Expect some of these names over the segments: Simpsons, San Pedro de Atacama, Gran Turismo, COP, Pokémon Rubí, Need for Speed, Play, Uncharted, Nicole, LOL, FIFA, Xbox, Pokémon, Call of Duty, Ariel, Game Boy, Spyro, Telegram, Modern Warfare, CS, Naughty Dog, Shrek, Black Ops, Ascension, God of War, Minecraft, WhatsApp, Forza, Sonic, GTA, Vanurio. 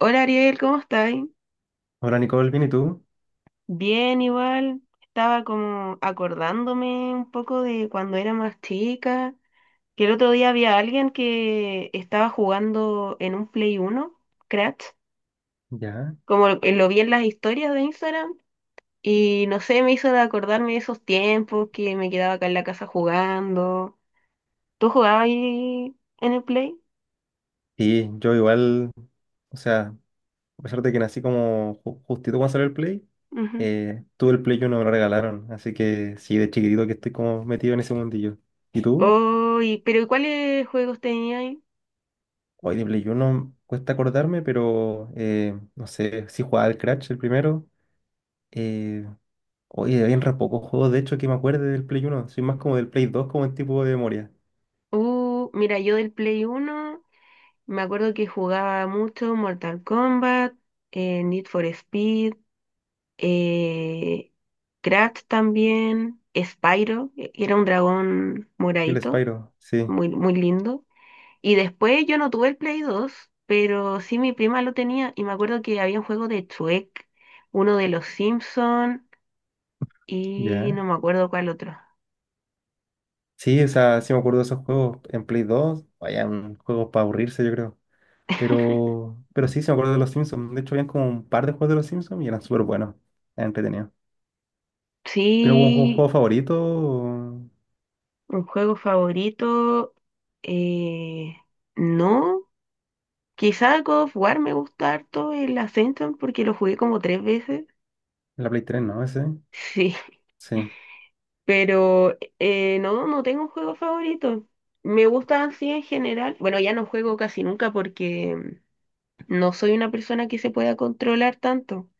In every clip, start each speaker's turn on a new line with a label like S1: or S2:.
S1: Hola Ariel, ¿cómo estás?
S2: Hola Nicole, ¿bien y tú?
S1: Bien, igual. Estaba como acordándome un poco de cuando era más chica, que el otro día había alguien que estaba jugando en un Play uno, Crash,
S2: Ya.
S1: como lo vi en las historias de Instagram, y no sé, me hizo acordarme de esos tiempos que me quedaba acá en la casa jugando. ¿Tú jugabas ahí en el Play?
S2: Sí, yo igual, o sea, a pesar de que nací como justito cuando salió el Play,
S1: Ujú.
S2: tuve el Play uno me lo regalaron, así que sí, de chiquitito que estoy como metido en ese mundillo. ¿Y tú?
S1: Oh, pero ¿y cuáles juegos tenías ahí?
S2: Hoy de Play uno cuesta acordarme, pero no sé, sí jugaba al Crash el primero. Eh, oye, habían re pocos juegos, de hecho, que me acuerde del Play uno, soy más como del Play 2 como en tipo de memoria.
S1: Mira, yo del Play uno. Me acuerdo que jugaba mucho Mortal Kombat, Need for Speed, eh, Crash también, Spyro, era un dragón
S2: Y el
S1: moradito,
S2: Spyro, sí.
S1: muy, muy lindo. Y después yo no tuve el Play 2, pero sí mi prima lo tenía y me acuerdo que había un juego de Shrek, uno de los Simpsons y
S2: Ya.
S1: no me acuerdo cuál otro.
S2: Sí, o sea, sí me acuerdo de esos juegos en Play 2. Vaya, un juego para aburrirse, yo creo. Pero sí, sí me acuerdo de los Simpsons. De hecho, habían como un par de juegos de los Simpsons y eran súper buenos. Eran entretenidos. ¿Tiene algún juego,
S1: Sí,
S2: juego favorito?
S1: un juego favorito, eh, no. Quizá God of War me gusta harto el Ascension porque lo jugué como 3 veces.
S2: La Play 3, ¿no? Ese.
S1: Sí,
S2: Sí.
S1: pero no, no tengo un juego favorito. Me gustan así en general. Bueno, ya no juego casi nunca porque no soy una persona que se pueda controlar tanto.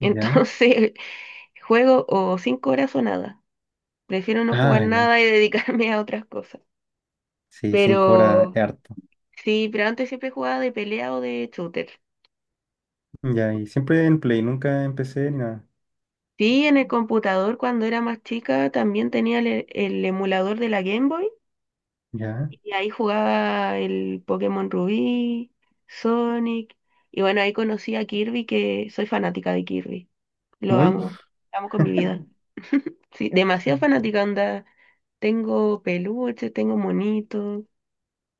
S2: Ya.
S1: Entonces, juego o 5 horas o nada. Prefiero no jugar
S2: Ah, ya.
S1: nada y dedicarme a otras cosas.
S2: Sí, 5 horas
S1: Pero
S2: es harto.
S1: sí, pero antes siempre jugaba de pelea o de shooter.
S2: Ya, y siempre en Play, nunca empecé ni nada.
S1: Sí, en el computador cuando era más chica también tenía el emulador de la Game Boy
S2: Ya.
S1: y ahí jugaba el Pokémon Rubí, Sonic y bueno, ahí conocí a Kirby que soy fanática de Kirby, lo
S2: Muy.
S1: amo, lo amo con mi vida. Sí, demasiado fanática onda, tengo peluches, tengo monitos,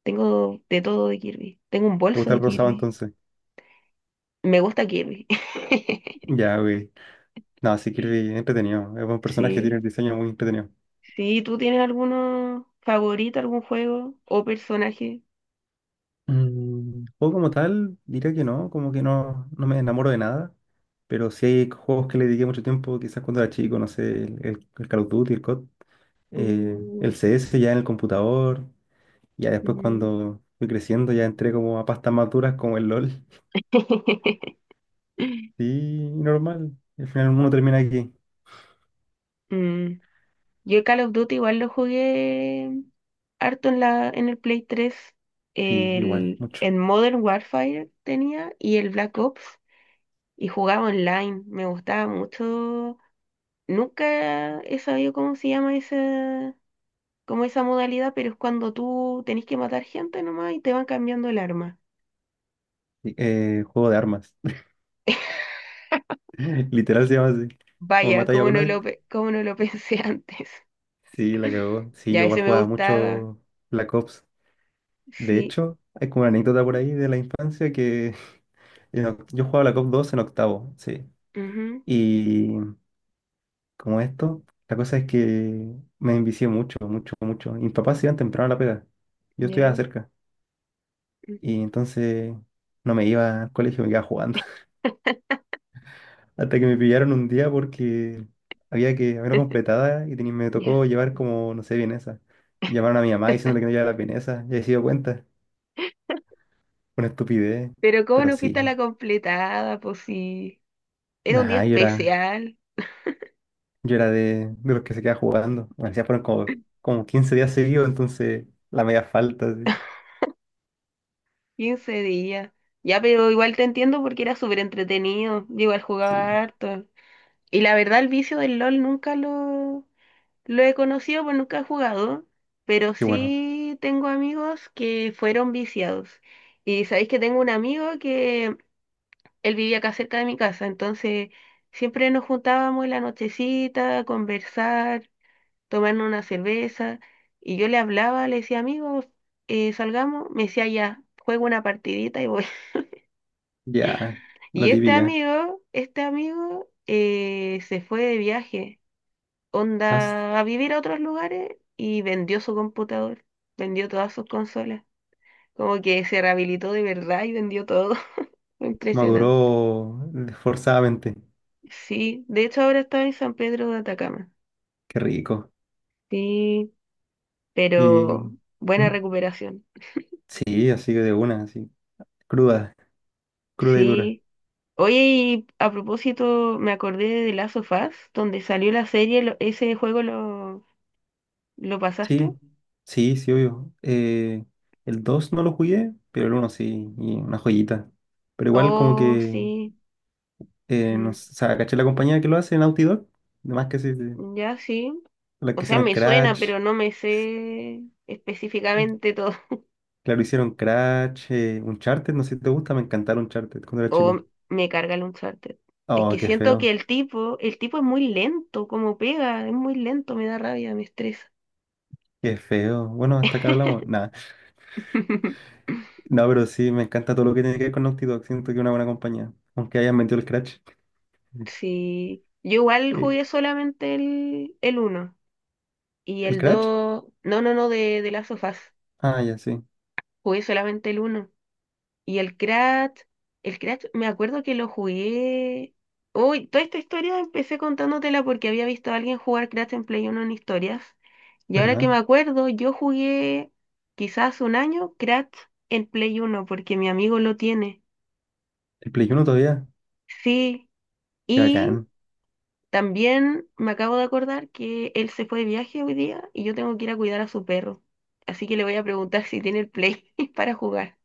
S1: tengo de todo de Kirby, tengo un
S2: Me
S1: bolso
S2: gusta
S1: de
S2: el rosado
S1: Kirby,
S2: entonces.
S1: me gusta Kirby.
S2: Ya, güey. No, sí, Kirby, entretenido. Es un personaje, que tiene
S1: Sí,
S2: el diseño muy entretenido.
S1: sí, ¿tú tienes alguno favorito, algún juego o personaje?
S2: Juego como tal, diría que no, como que no, no me enamoro de nada, pero sí hay juegos que le dediqué mucho tiempo, quizás cuando era chico, no sé, el Call of Duty, el COD,
S1: Uh,
S2: el CS ya en el computador, ya después
S1: mm.
S2: cuando fui creciendo ya entré como a pastas maduras como el LOL, sí, normal, al final uno termina aquí,
S1: Mm. Yo Call of Duty igual lo jugué harto en el Play 3.
S2: sí, igual,
S1: El,
S2: mucho.
S1: en Modern Warfare tenía y el Black Ops. Y jugaba online. Me gustaba mucho. Nunca he sabido cómo se llama esa, como esa modalidad, pero es cuando tú tenés que matar gente nomás y te van cambiando el arma.
S2: Sí, juego de armas, literal se llama así, como
S1: Vaya,
S2: matáis a
S1: cómo no
S2: uno,
S1: lo, pe- cómo no lo pensé antes.
S2: sí, la cagó, sí,
S1: Ya,
S2: yo igual
S1: ese me
S2: jugaba
S1: gustaba.
S2: mucho Black Ops. De
S1: Sí.
S2: hecho, hay como una anécdota por ahí de la infancia que yo jugaba la COP 2 en octavo, sí. Y como esto, la cosa es que me envicié mucho, mucho, mucho. Y mis papás se iban temprano a la pega. Yo
S1: Ya,
S2: estudiaba cerca.
S1: ujú,
S2: Y entonces no me iba al colegio, me quedaba jugando. Hasta que me pillaron un día porque había que haberlo completada y me
S1: ya.
S2: tocó llevar como, no sé, vienesa. Y llamaron a mi mamá diciéndole que no llevaba las vienesas. Y ahí se dio cuenta. Una estupidez.
S1: Pero ¿cómo
S2: Pero
S1: no fuiste
S2: sí.
S1: a la completada? Pues sí, era un día
S2: Nada, yo era.
S1: especial,
S2: Yo era de, los que se queda jugando. Me decía, fueron como 15 días seguidos, entonces la media falta. Sí.
S1: 15 días. Ya, pero igual te entiendo porque era súper entretenido. Yo igual jugaba
S2: Sí,
S1: harto. Y la verdad, el vicio del LOL nunca lo he conocido, pues nunca he jugado. Pero
S2: y bueno,
S1: sí tengo amigos que fueron viciados. Y sabéis que tengo un amigo que él vivía acá cerca de mi casa, entonces siempre nos juntábamos en la nochecita a conversar, tomarnos una cerveza. Y yo le hablaba, le decía, amigo, salgamos. Me decía, ya, juego una partidita y voy.
S2: ya, la
S1: Y este
S2: típica.
S1: amigo, este amigo eh, se fue de viaje,
S2: As-
S1: onda a vivir a otros lugares y vendió su computador, vendió todas sus consolas. Como que se rehabilitó de verdad y vendió todo. Fue impresionante.
S2: Maduró forzadamente.
S1: Sí, de hecho ahora está en San Pedro de Atacama.
S2: Qué rico.
S1: Sí,
S2: Y
S1: pero buena
S2: ¿mm?
S1: recuperación.
S2: Sí, así que de una, así. Cruda, cruda y dura.
S1: Sí. Oye, y a propósito, me acordé de The Last of Us, donde salió la serie, ese juego lo
S2: Sí,
S1: pasaste.
S2: sí, sí, obvio. El 2 no lo jugué, pero el uno sí, y una joyita. Pero igual como
S1: Oh,
S2: que,
S1: sí.
S2: no
S1: mm,
S2: sé, o sea, caché la compañía que lo hace, Naughty Dog. Además que sí, sí.
S1: Ya sí.
S2: Las
S1: O
S2: que
S1: sea,
S2: hicieron
S1: me suena,
S2: Crash.
S1: pero no me sé
S2: eh,
S1: específicamente todo.
S2: Claro, hicieron Crash, Uncharted, no sé si te gusta, me encantaron Uncharted cuando era
S1: O
S2: chico.
S1: me carga el Uncharted. Es
S2: Oh,
S1: que
S2: qué
S1: siento que
S2: feo,
S1: el tipo es muy lento, como pega, es muy lento, me da rabia, me estresa.
S2: qué feo. Bueno, hasta acá hablamos. Nada, no, pero sí, me encanta todo lo que tiene que ver con Naughty Dog. Siento que es una buena compañía, aunque hayan metido el Crash.
S1: Sí. Yo igual
S2: Eh,
S1: jugué solamente el uno. Y
S2: ¿El
S1: el
S2: Crash?
S1: 2 no, no, no, de Last of Us.
S2: Ah, ya sí,
S1: Jugué solamente el uno. Y el Crash, me acuerdo que lo jugué. Uy, toda esta historia empecé contándotela porque había visto a alguien jugar Crash en Play uno en historias. Y ahora que
S2: ¿verdad?
S1: me acuerdo, yo jugué quizás un año Crash en Play uno porque mi amigo lo tiene.
S2: ¿El Play Uno todavía?
S1: Sí,
S2: Qué
S1: y
S2: bacán.
S1: también me acabo de acordar que él se fue de viaje hoy día y yo tengo que ir a cuidar a su perro. Así que le voy a preguntar si tiene el play para jugar.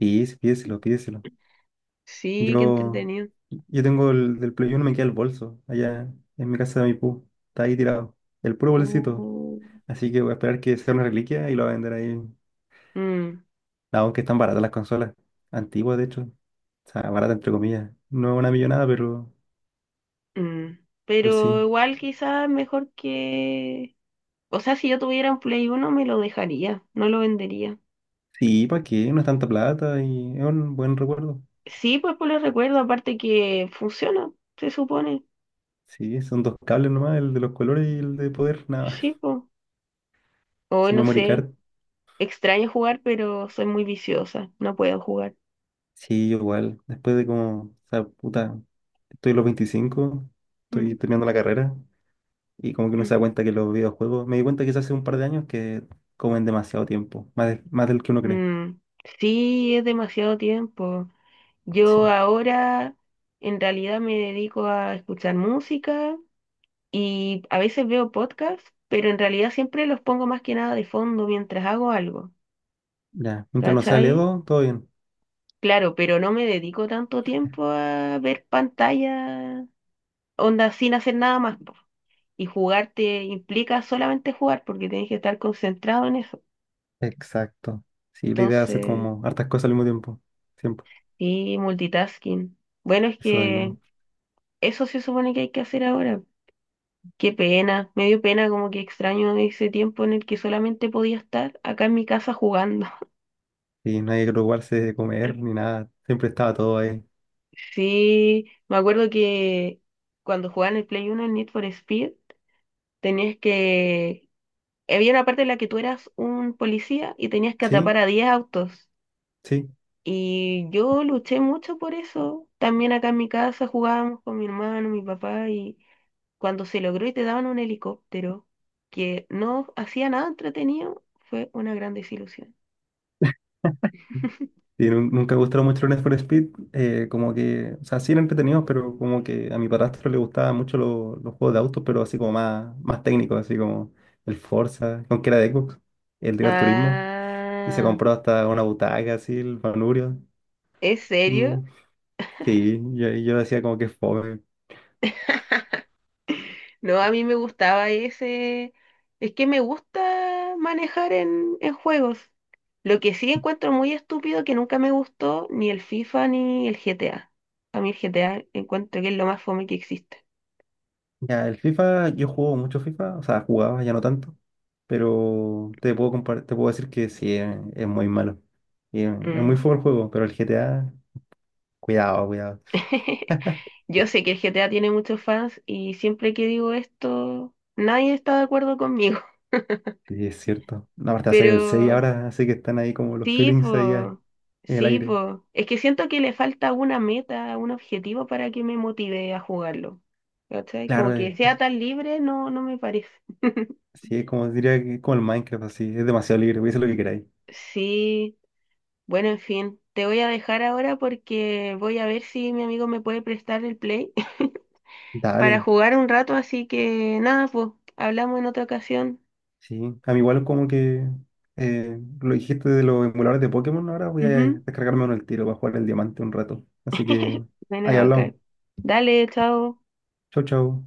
S2: Sí, sí, pídeselo, pídeselo.
S1: Sí, qué
S2: Yo,
S1: entretenido.
S2: yo tengo el del Play Uno me queda el bolso, allá en mi casa de mi pu. Está ahí tirado. El puro bolsito.
S1: Uh,
S2: Así que voy a esperar que sea una reliquia y lo voy a vender ahí.
S1: mm,
S2: Aunque están baratas las consolas. Antiguas, de hecho. O sea, barata entre comillas. No una millonada, pero,
S1: mm.
S2: pero
S1: Pero
S2: sí.
S1: igual quizás mejor que... O sea, si yo tuviera un Play uno me lo dejaría, no lo vendería.
S2: Sí, ¿para qué? No es tanta plata y es un buen recuerdo.
S1: Sí, pues por el recuerdo, aparte que funciona, se supone.
S2: Sí, son dos cables nomás, el de los colores y el de poder, nada más.
S1: Sí, pues. O
S2: Su
S1: no
S2: memory
S1: sé,
S2: card.
S1: extraño jugar, pero soy muy viciosa, no puedo jugar.
S2: Sí, yo igual. Después de como, o sea, puta, estoy a los 25, estoy
S1: Mm,
S2: terminando la carrera y como que uno se da
S1: ujú.
S2: cuenta que los videojuegos, me di cuenta quizás hace un par de años que comen demasiado tiempo, más, más del que uno cree.
S1: Mm, sí, es demasiado tiempo.
S2: Sí.
S1: Yo ahora en realidad me dedico a escuchar música y a veces veo podcasts, pero en realidad siempre los pongo más que nada de fondo mientras hago algo,
S2: Ya, mientras no sea
S1: ¿cachai?
S2: Ledo, todo bien.
S1: Claro, pero no me dedico tanto tiempo a ver pantalla, onda sin hacer nada más, po. Y jugar te implica solamente jugar porque tienes que estar concentrado en eso.
S2: Exacto. Sí, la idea es hacer
S1: Entonces,
S2: como hartas cosas al mismo tiempo. Siempre.
S1: sí, multitasking. Bueno, es
S2: Eso
S1: que...
S2: mismo.
S1: Eso se supone que hay que hacer ahora. Qué pena, me dio pena, como que extraño ese tiempo en el que solamente podía estar acá en mi casa jugando.
S2: Y no hay que preocuparse de comer ni nada. Siempre estaba todo ahí.
S1: Sí, me acuerdo que cuando jugaba en el Play 1 en Need for Speed, tenías que... Había una parte en la que tú eras un policía y tenías que atrapar
S2: Sí,
S1: a 10 autos.
S2: sí.
S1: Y yo luché mucho por eso. También acá en mi casa jugábamos con mi hermano, mi papá, y cuando se logró y te daban un helicóptero que no hacía nada entretenido, fue una gran desilusión.
S2: Y nunca me gustaron mucho los Need for Speed. Como que, o sea, sí eran entretenidos, pero como que a mi padrastro le gustaban mucho los juegos de autos, pero así como más, más técnicos, así como el Forza, con que era de Xbox, el Gran Turismo. Y se
S1: Ah,
S2: compró hasta una butaca, así, el Vanurio.
S1: ¿es
S2: Y
S1: serio?
S2: sí, yo decía como que fue.
S1: No, a mí me gustaba ese... Es que me gusta manejar en juegos. Lo que sí encuentro muy estúpido que nunca me gustó ni el FIFA ni el GTA. A mí el GTA encuentro que es lo más fome que existe.
S2: Ya, el FIFA, yo juego mucho FIFA, o sea, jugaba ya no tanto, pero te puedo te puedo decir que sí, es muy malo. Y, es muy
S1: Mm.
S2: feo el juego, pero el GTA, cuidado, cuidado.
S1: Yo sé que el GTA tiene muchos fans y siempre que digo esto, nadie está de acuerdo conmigo.
S2: Sí, es cierto. No, aparte va a salir el 6
S1: Pero
S2: ahora, así que están ahí como los
S1: sí,
S2: feelings ahí
S1: po,
S2: en el
S1: sí,
S2: aire.
S1: po. Es que siento que le falta una meta, un objetivo para que me motive a jugarlo. ¿Cachai? Como
S2: Claro,
S1: que sea tan libre, no, no me parece.
S2: sí, es como diría que es como el Minecraft, así, es demasiado libre, voy a hacer lo que queráis.
S1: Sí, bueno, en fin, te voy a dejar ahora porque voy a ver si mi amigo me puede prestar el play para
S2: Dale.
S1: jugar un rato, así que nada, pues, hablamos en otra ocasión.
S2: Sí, a mí igual como que lo dijiste de los emuladores de Pokémon, ahora voy a
S1: Ujú.
S2: descargarme uno el tiro para jugar el diamante un rato. Así que ahí
S1: Bueno, acá.
S2: hablamos.
S1: Dale, chao.
S2: Chau, chau.